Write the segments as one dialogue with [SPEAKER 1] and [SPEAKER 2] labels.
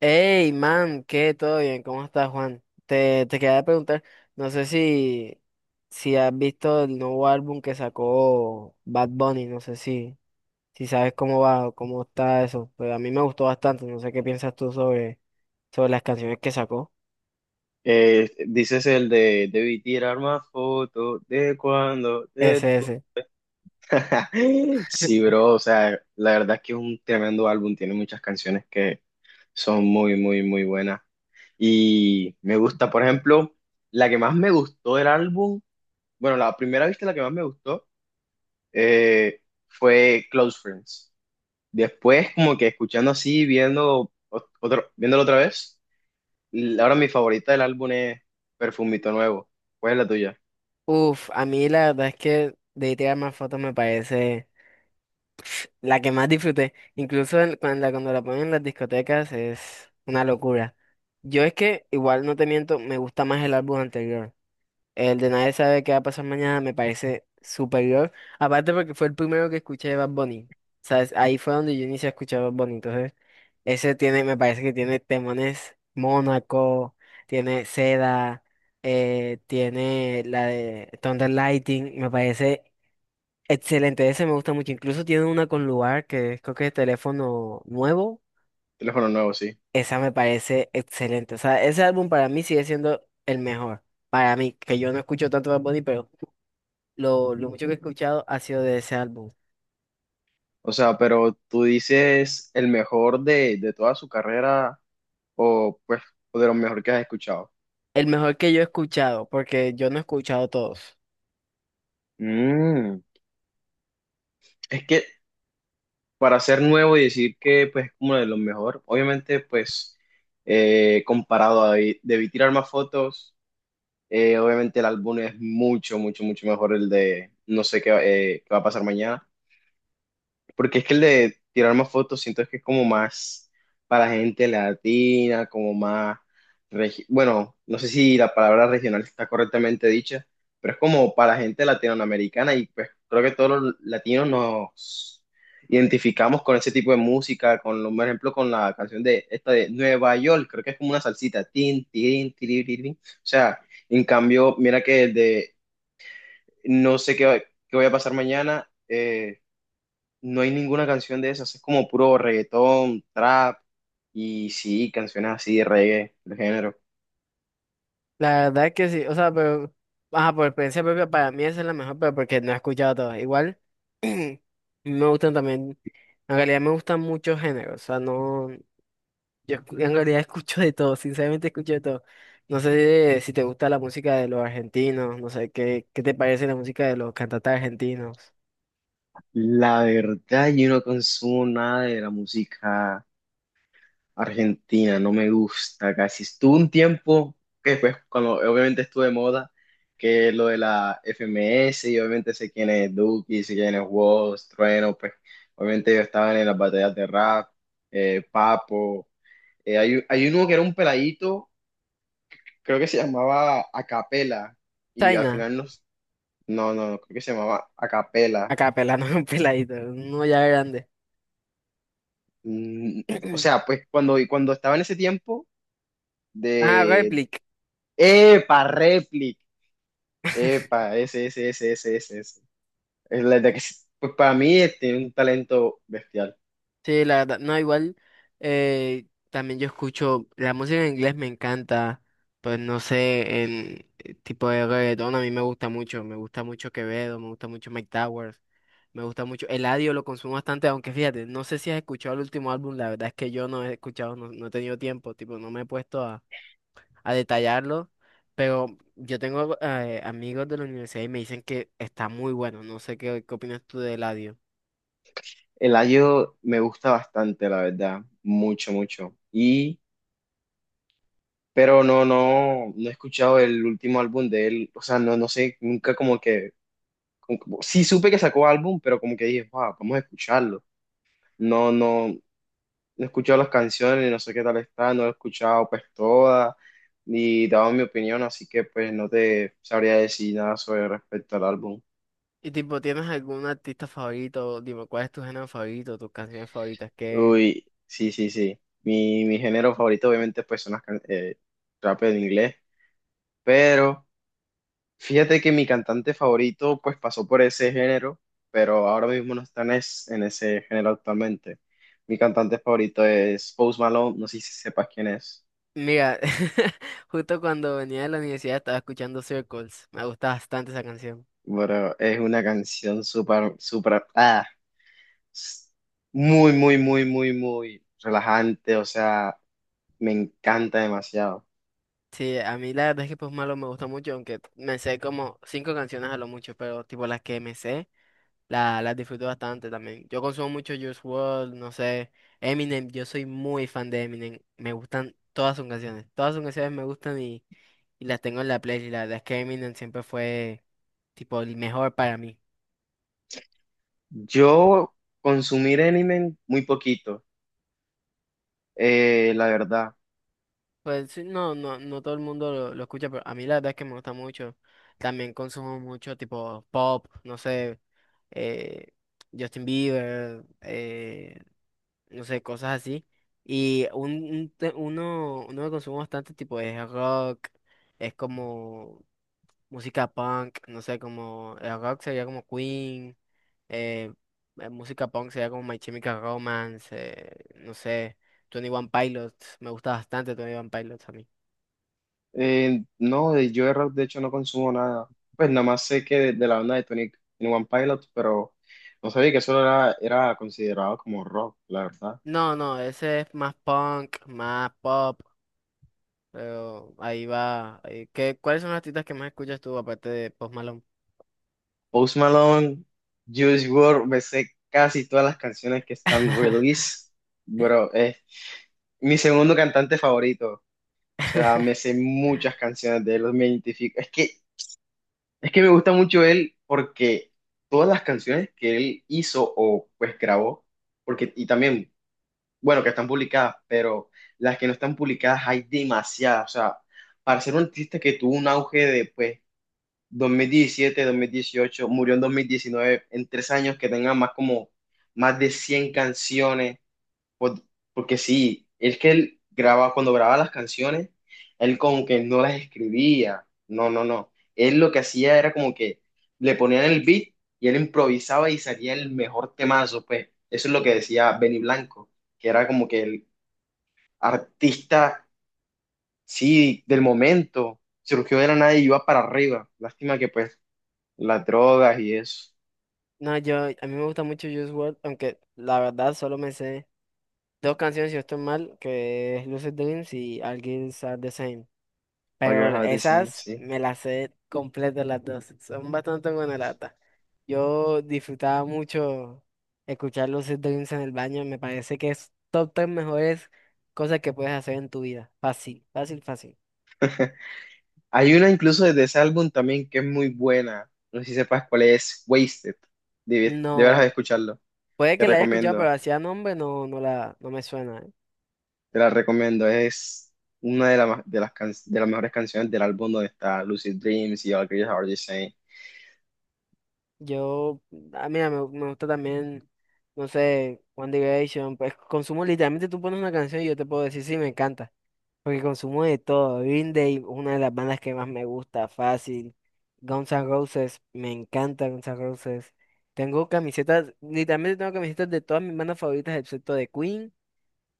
[SPEAKER 1] Hey, man, ¿qué? ¿Todo bien? ¿Cómo estás, Juan? Te quería preguntar, no sé si has visto el nuevo álbum que sacó Bad Bunny, no sé si sabes cómo va o cómo está eso, pero a mí me gustó bastante, no sé qué piensas tú sobre las canciones que sacó.
[SPEAKER 2] Dices el de Debí Tirar Más Fotos de
[SPEAKER 1] Ese, ese.
[SPEAKER 2] Sí, bro, o sea, la verdad es que es un tremendo álbum, tiene muchas canciones que son muy, muy, muy buenas. Y me gusta, por ejemplo, la que más me gustó del álbum, bueno, la primera vista la que más me gustó eh, fue Close Friends. Después, como que escuchando así, otro, viéndolo otra vez, ahora mi favorita del álbum es Perfumito Nuevo. ¿Cuál es la tuya?
[SPEAKER 1] Uf, a mí la verdad es que de tirar más fotos me parece. La que más disfruté, incluso cuando la ponen en las discotecas es una locura. Yo es que, igual no te miento, me gusta más el álbum anterior. El de Nadie sabe qué va a pasar mañana me parece superior. Aparte porque fue el primero que escuché de Bad Bunny. ¿Sabes? Ahí fue donde yo inicié a escuchar Bad Bunny. Entonces, ese tiene, me parece que tiene temones Mónaco, tiene Seda, tiene la de Thunder Lighting, me parece excelente. Ese me gusta mucho. Incluso tiene una con lugar que es, creo que es teléfono nuevo.
[SPEAKER 2] Teléfono nuevo, sí.
[SPEAKER 1] Esa me parece excelente. O sea, ese álbum para mí sigue siendo el mejor. Para mí, que yo no escucho tanto Bad Bunny, pero lo mucho que he escuchado ha sido de ese álbum.
[SPEAKER 2] O sea, pero tú dices el mejor de toda su carrera o pues o de lo mejor que has escuchado.
[SPEAKER 1] El mejor que yo he escuchado, porque yo no he escuchado todos.
[SPEAKER 2] Mm, es que para ser nuevo y decir que pues es como de lo mejor, obviamente pues comparado a Debí tirar más fotos, obviamente el álbum es mucho, mucho, mucho mejor el de no sé qué, qué va a pasar mañana. Porque es que el de tirar más fotos siento que es como más para gente latina, como más, bueno, no sé si la palabra regional está correctamente dicha, pero es como para gente latinoamericana y pues creo que todos los latinos nos identificamos con ese tipo de música, con, por ejemplo, con la canción de esta de Nueva York, creo que es como una salsita, tin, tin, tiri, tiri, tin. O sea, en cambio, mira que el de no sé qué, qué voy a pasar mañana. No hay ninguna canción de esas, es como puro reggaetón, trap y sí, canciones así de reggae, de género.
[SPEAKER 1] La verdad es que sí, o sea, pero, ajá, por experiencia propia, para mí esa es la mejor, pero porque no he escuchado todas. Igual, me gustan también, en realidad me gustan muchos géneros. O sea, no. En realidad escucho de todo, sinceramente escucho de todo. No sé si te gusta la música de los argentinos, no sé qué te parece la música de los cantantes argentinos.
[SPEAKER 2] La verdad, yo no consumo nada de la música argentina, no me gusta casi. Estuve un tiempo, que después, cuando obviamente estuve de moda, que lo de la FMS, y obviamente sé quién es Duki, sé quién es Wos, Trueno, pues obviamente yo estaba en las batallas de rap, Papo. Hay uno que era un peladito creo que se llamaba Acapela y al
[SPEAKER 1] China,
[SPEAKER 2] final nos, no, creo que se llamaba Acapela.
[SPEAKER 1] acá pelando un peladito, uno ya grande.
[SPEAKER 2] Mm, o sea, pues cuando, y cuando estaba en ese tiempo
[SPEAKER 1] Ah,
[SPEAKER 2] de,
[SPEAKER 1] Replic.
[SPEAKER 2] epa, replic, epa, ese, ese, ese, ese, ese, ese. Es la de que, pues para mí tiene un talento bestial.
[SPEAKER 1] Sí, la verdad, no, igual, también yo escucho, la música en inglés me encanta, pues no sé, el tipo de reggaetón a mí me gusta mucho Quevedo, me gusta mucho Mike Towers, me gusta mucho, Eladio lo consumo bastante, aunque fíjate, no sé si has escuchado el último álbum, la verdad es que yo no he escuchado, no, no he tenido tiempo, tipo, no me he puesto a detallarlo, pero yo tengo amigos de la universidad y me dicen que está muy bueno, no sé qué opinas tú de Eladio.
[SPEAKER 2] El ayo me gusta bastante, la verdad, mucho, mucho. Y, pero no he escuchado el último álbum de él, o sea, no, no sé, nunca como que sí supe que sacó álbum, pero como que dije, wow, vamos a escucharlo. No he escuchado las canciones, no sé qué tal está, no he escuchado pues todas, ni daba mi opinión, así que pues no te sabría decir nada sobre respecto al álbum.
[SPEAKER 1] Y tipo, ¿tienes algún artista favorito? Dime, ¿cuál es tu género favorito, tus canciones favoritas? Qué
[SPEAKER 2] Uy, sí, sí, sí. Mi género favorito obviamente pues son rap en inglés, pero... Fíjate que mi cantante favorito pues pasó por ese género, pero ahora mismo no está en, en ese género actualmente. Mi cantante favorito es Post Malone, no sé si sepas quién es,
[SPEAKER 1] Mira, justo cuando venía de la universidad estaba escuchando Circles. Me gusta bastante esa canción.
[SPEAKER 2] pero es una canción súper, súper, s- muy, muy, muy, muy, muy relajante, o sea, me encanta demasiado.
[SPEAKER 1] Sí, a mí la verdad es que Post Malo me gusta mucho, aunque me sé como cinco canciones a lo mucho, pero tipo las que me sé, las disfruto bastante también. Yo consumo mucho Juice World, no sé, Eminem, yo soy muy fan de Eminem. Me gustan todas sus canciones. Todas sus canciones me gustan, y las tengo en la playlist. La verdad es que Eminem siempre fue tipo el mejor para mí.
[SPEAKER 2] Yo consumir anime muy poquito, la verdad.
[SPEAKER 1] Pues sí, no, no, no todo el mundo lo escucha, pero a mí la verdad es que me gusta mucho. También consumo mucho tipo pop, no sé, eh, Justin Bieber, no sé, cosas así. Y uno que consumo bastante tipo es rock, es como música punk, no sé, como el rock sería como Queen, eh, música punk sería como My Chemical Romance, no sé, Twenty One Pilots, me gusta bastante Twenty One Pilots a mí.
[SPEAKER 2] No, yo de rap de hecho no consumo nada. Pues nada más sé que de la banda de Tony en One Pilot, pero no sabía que eso era considerado como rock, la verdad.
[SPEAKER 1] No, no, ese es más punk, más pop, pero ahí va. Cuáles son los artistas que más escuchas tú aparte de Post Malone?
[SPEAKER 2] Post Malone, Juice WRLD, me sé casi todas las canciones que están release. Bro, es mi segundo cantante favorito. O sea, me sé muchas canciones de él, me identifico. Es que me gusta mucho él porque todas las canciones que él hizo o pues grabó, porque, y también bueno, que están publicadas, pero las que no están publicadas hay demasiadas. O sea, para ser un artista que tuvo un auge de, pues, 2017, 2018, murió en 2019, en 3 años que tenga más como, más de 100 canciones, por- porque sí, es que él grababa cuando grababa las canciones, él como que no las escribía, no. Él lo que hacía era como que le ponían el beat y él improvisaba y salía el mejor temazo, pues. Eso es lo que decía Benny Blanco que era como que el, artista, sí, del momento, surgió de la nada y iba para arriba. Lástima que pues las drogas y eso.
[SPEAKER 1] No, a mí me gusta mucho Juice WRLD, aunque la verdad solo me sé dos canciones, si no estoy mal, que es Lucid Dreams y All Girls Are the Same.
[SPEAKER 2] All
[SPEAKER 1] Pero
[SPEAKER 2] Your Heart Is In,
[SPEAKER 1] esas
[SPEAKER 2] sí.
[SPEAKER 1] me las sé completas las dos. Son bastante buena lata. Yo disfrutaba mucho escuchar los Dreams en el baño. Me parece que es top tres mejores cosas que puedes hacer en tu vida. Fácil, fácil, fácil.
[SPEAKER 2] Hay una incluso desde ese álbum también que es muy buena. No sé si sepas cuál es, Wasted. Debes,
[SPEAKER 1] No,
[SPEAKER 2] deberás de escucharlo.
[SPEAKER 1] puede
[SPEAKER 2] Te
[SPEAKER 1] que la haya escuchado, pero
[SPEAKER 2] recomiendo,
[SPEAKER 1] hacía nombre no, no me suena. ¿Eh?
[SPEAKER 2] te la recomiendo. Es de de las mejores canciones del álbum donde está Lucid Dreams y All Your Heart Is In.
[SPEAKER 1] Yo, a mí me gusta también, no sé, One Direction. Pues consumo literalmente, tú pones una canción y yo te puedo decir, sí, me encanta. Porque consumo de todo. Green Day, una de las bandas que más me gusta, fácil. Guns N' Roses, me encanta Guns N' Roses. Tengo camisetas, literalmente tengo camisetas de todas mis bandas favoritas, excepto de Queen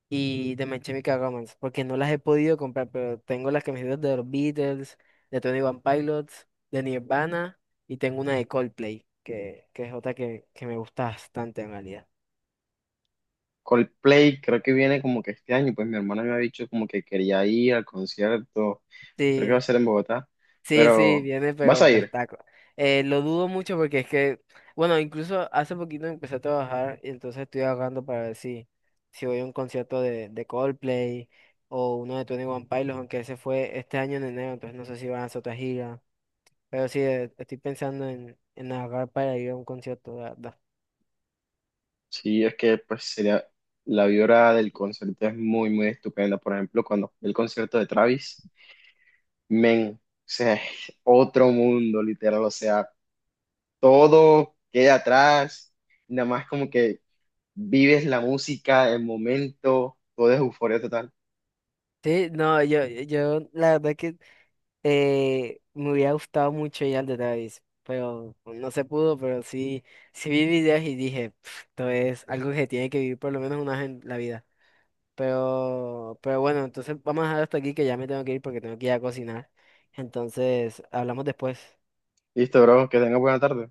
[SPEAKER 1] y de My Chemical Romance, porque no las he podido comprar, pero tengo las camisetas de los Beatles, de Tony One Pilots, de Nirvana y tengo una de Coldplay, que es otra que me gusta bastante en realidad.
[SPEAKER 2] Coldplay creo que viene como que este año, pues mi hermana me ha dicho como que quería ir al concierto, creo que va a
[SPEAKER 1] Sí.
[SPEAKER 2] ser en Bogotá,
[SPEAKER 1] Sí, sí,
[SPEAKER 2] pero
[SPEAKER 1] viene,
[SPEAKER 2] vas
[SPEAKER 1] pero
[SPEAKER 2] a
[SPEAKER 1] pues
[SPEAKER 2] ir.
[SPEAKER 1] taco. Lo dudo mucho porque es que, bueno, incluso hace poquito empecé a trabajar y entonces estoy ahorrando para ver si voy a un concierto de Coldplay o uno de Twenty One Pilots, aunque ese fue este año en enero, entonces no sé si van a hacer otra gira. Pero sí, estoy pensando en ahorrar para ir a un concierto, la verdad.
[SPEAKER 2] Sí, es que pues sería, la vibra del concierto es muy, muy estupenda. Por ejemplo, cuando fui al concierto de Travis, men, o sea, es otro mundo, literal, o sea, todo queda atrás, nada más como que vives la música, el momento, todo es euforia total.
[SPEAKER 1] Sí, no, yo la verdad que me hubiera gustado mucho ir al de Travis, pero no se pudo, pero sí, sí vi videos y dije, "Pf, esto es algo que tiene que vivir por lo menos una vez en la vida. Pero bueno, entonces vamos a dejar hasta aquí que ya me tengo que ir porque tengo que ir a cocinar. Entonces, hablamos después.
[SPEAKER 2] Listo, bro, que tengas buena tarde.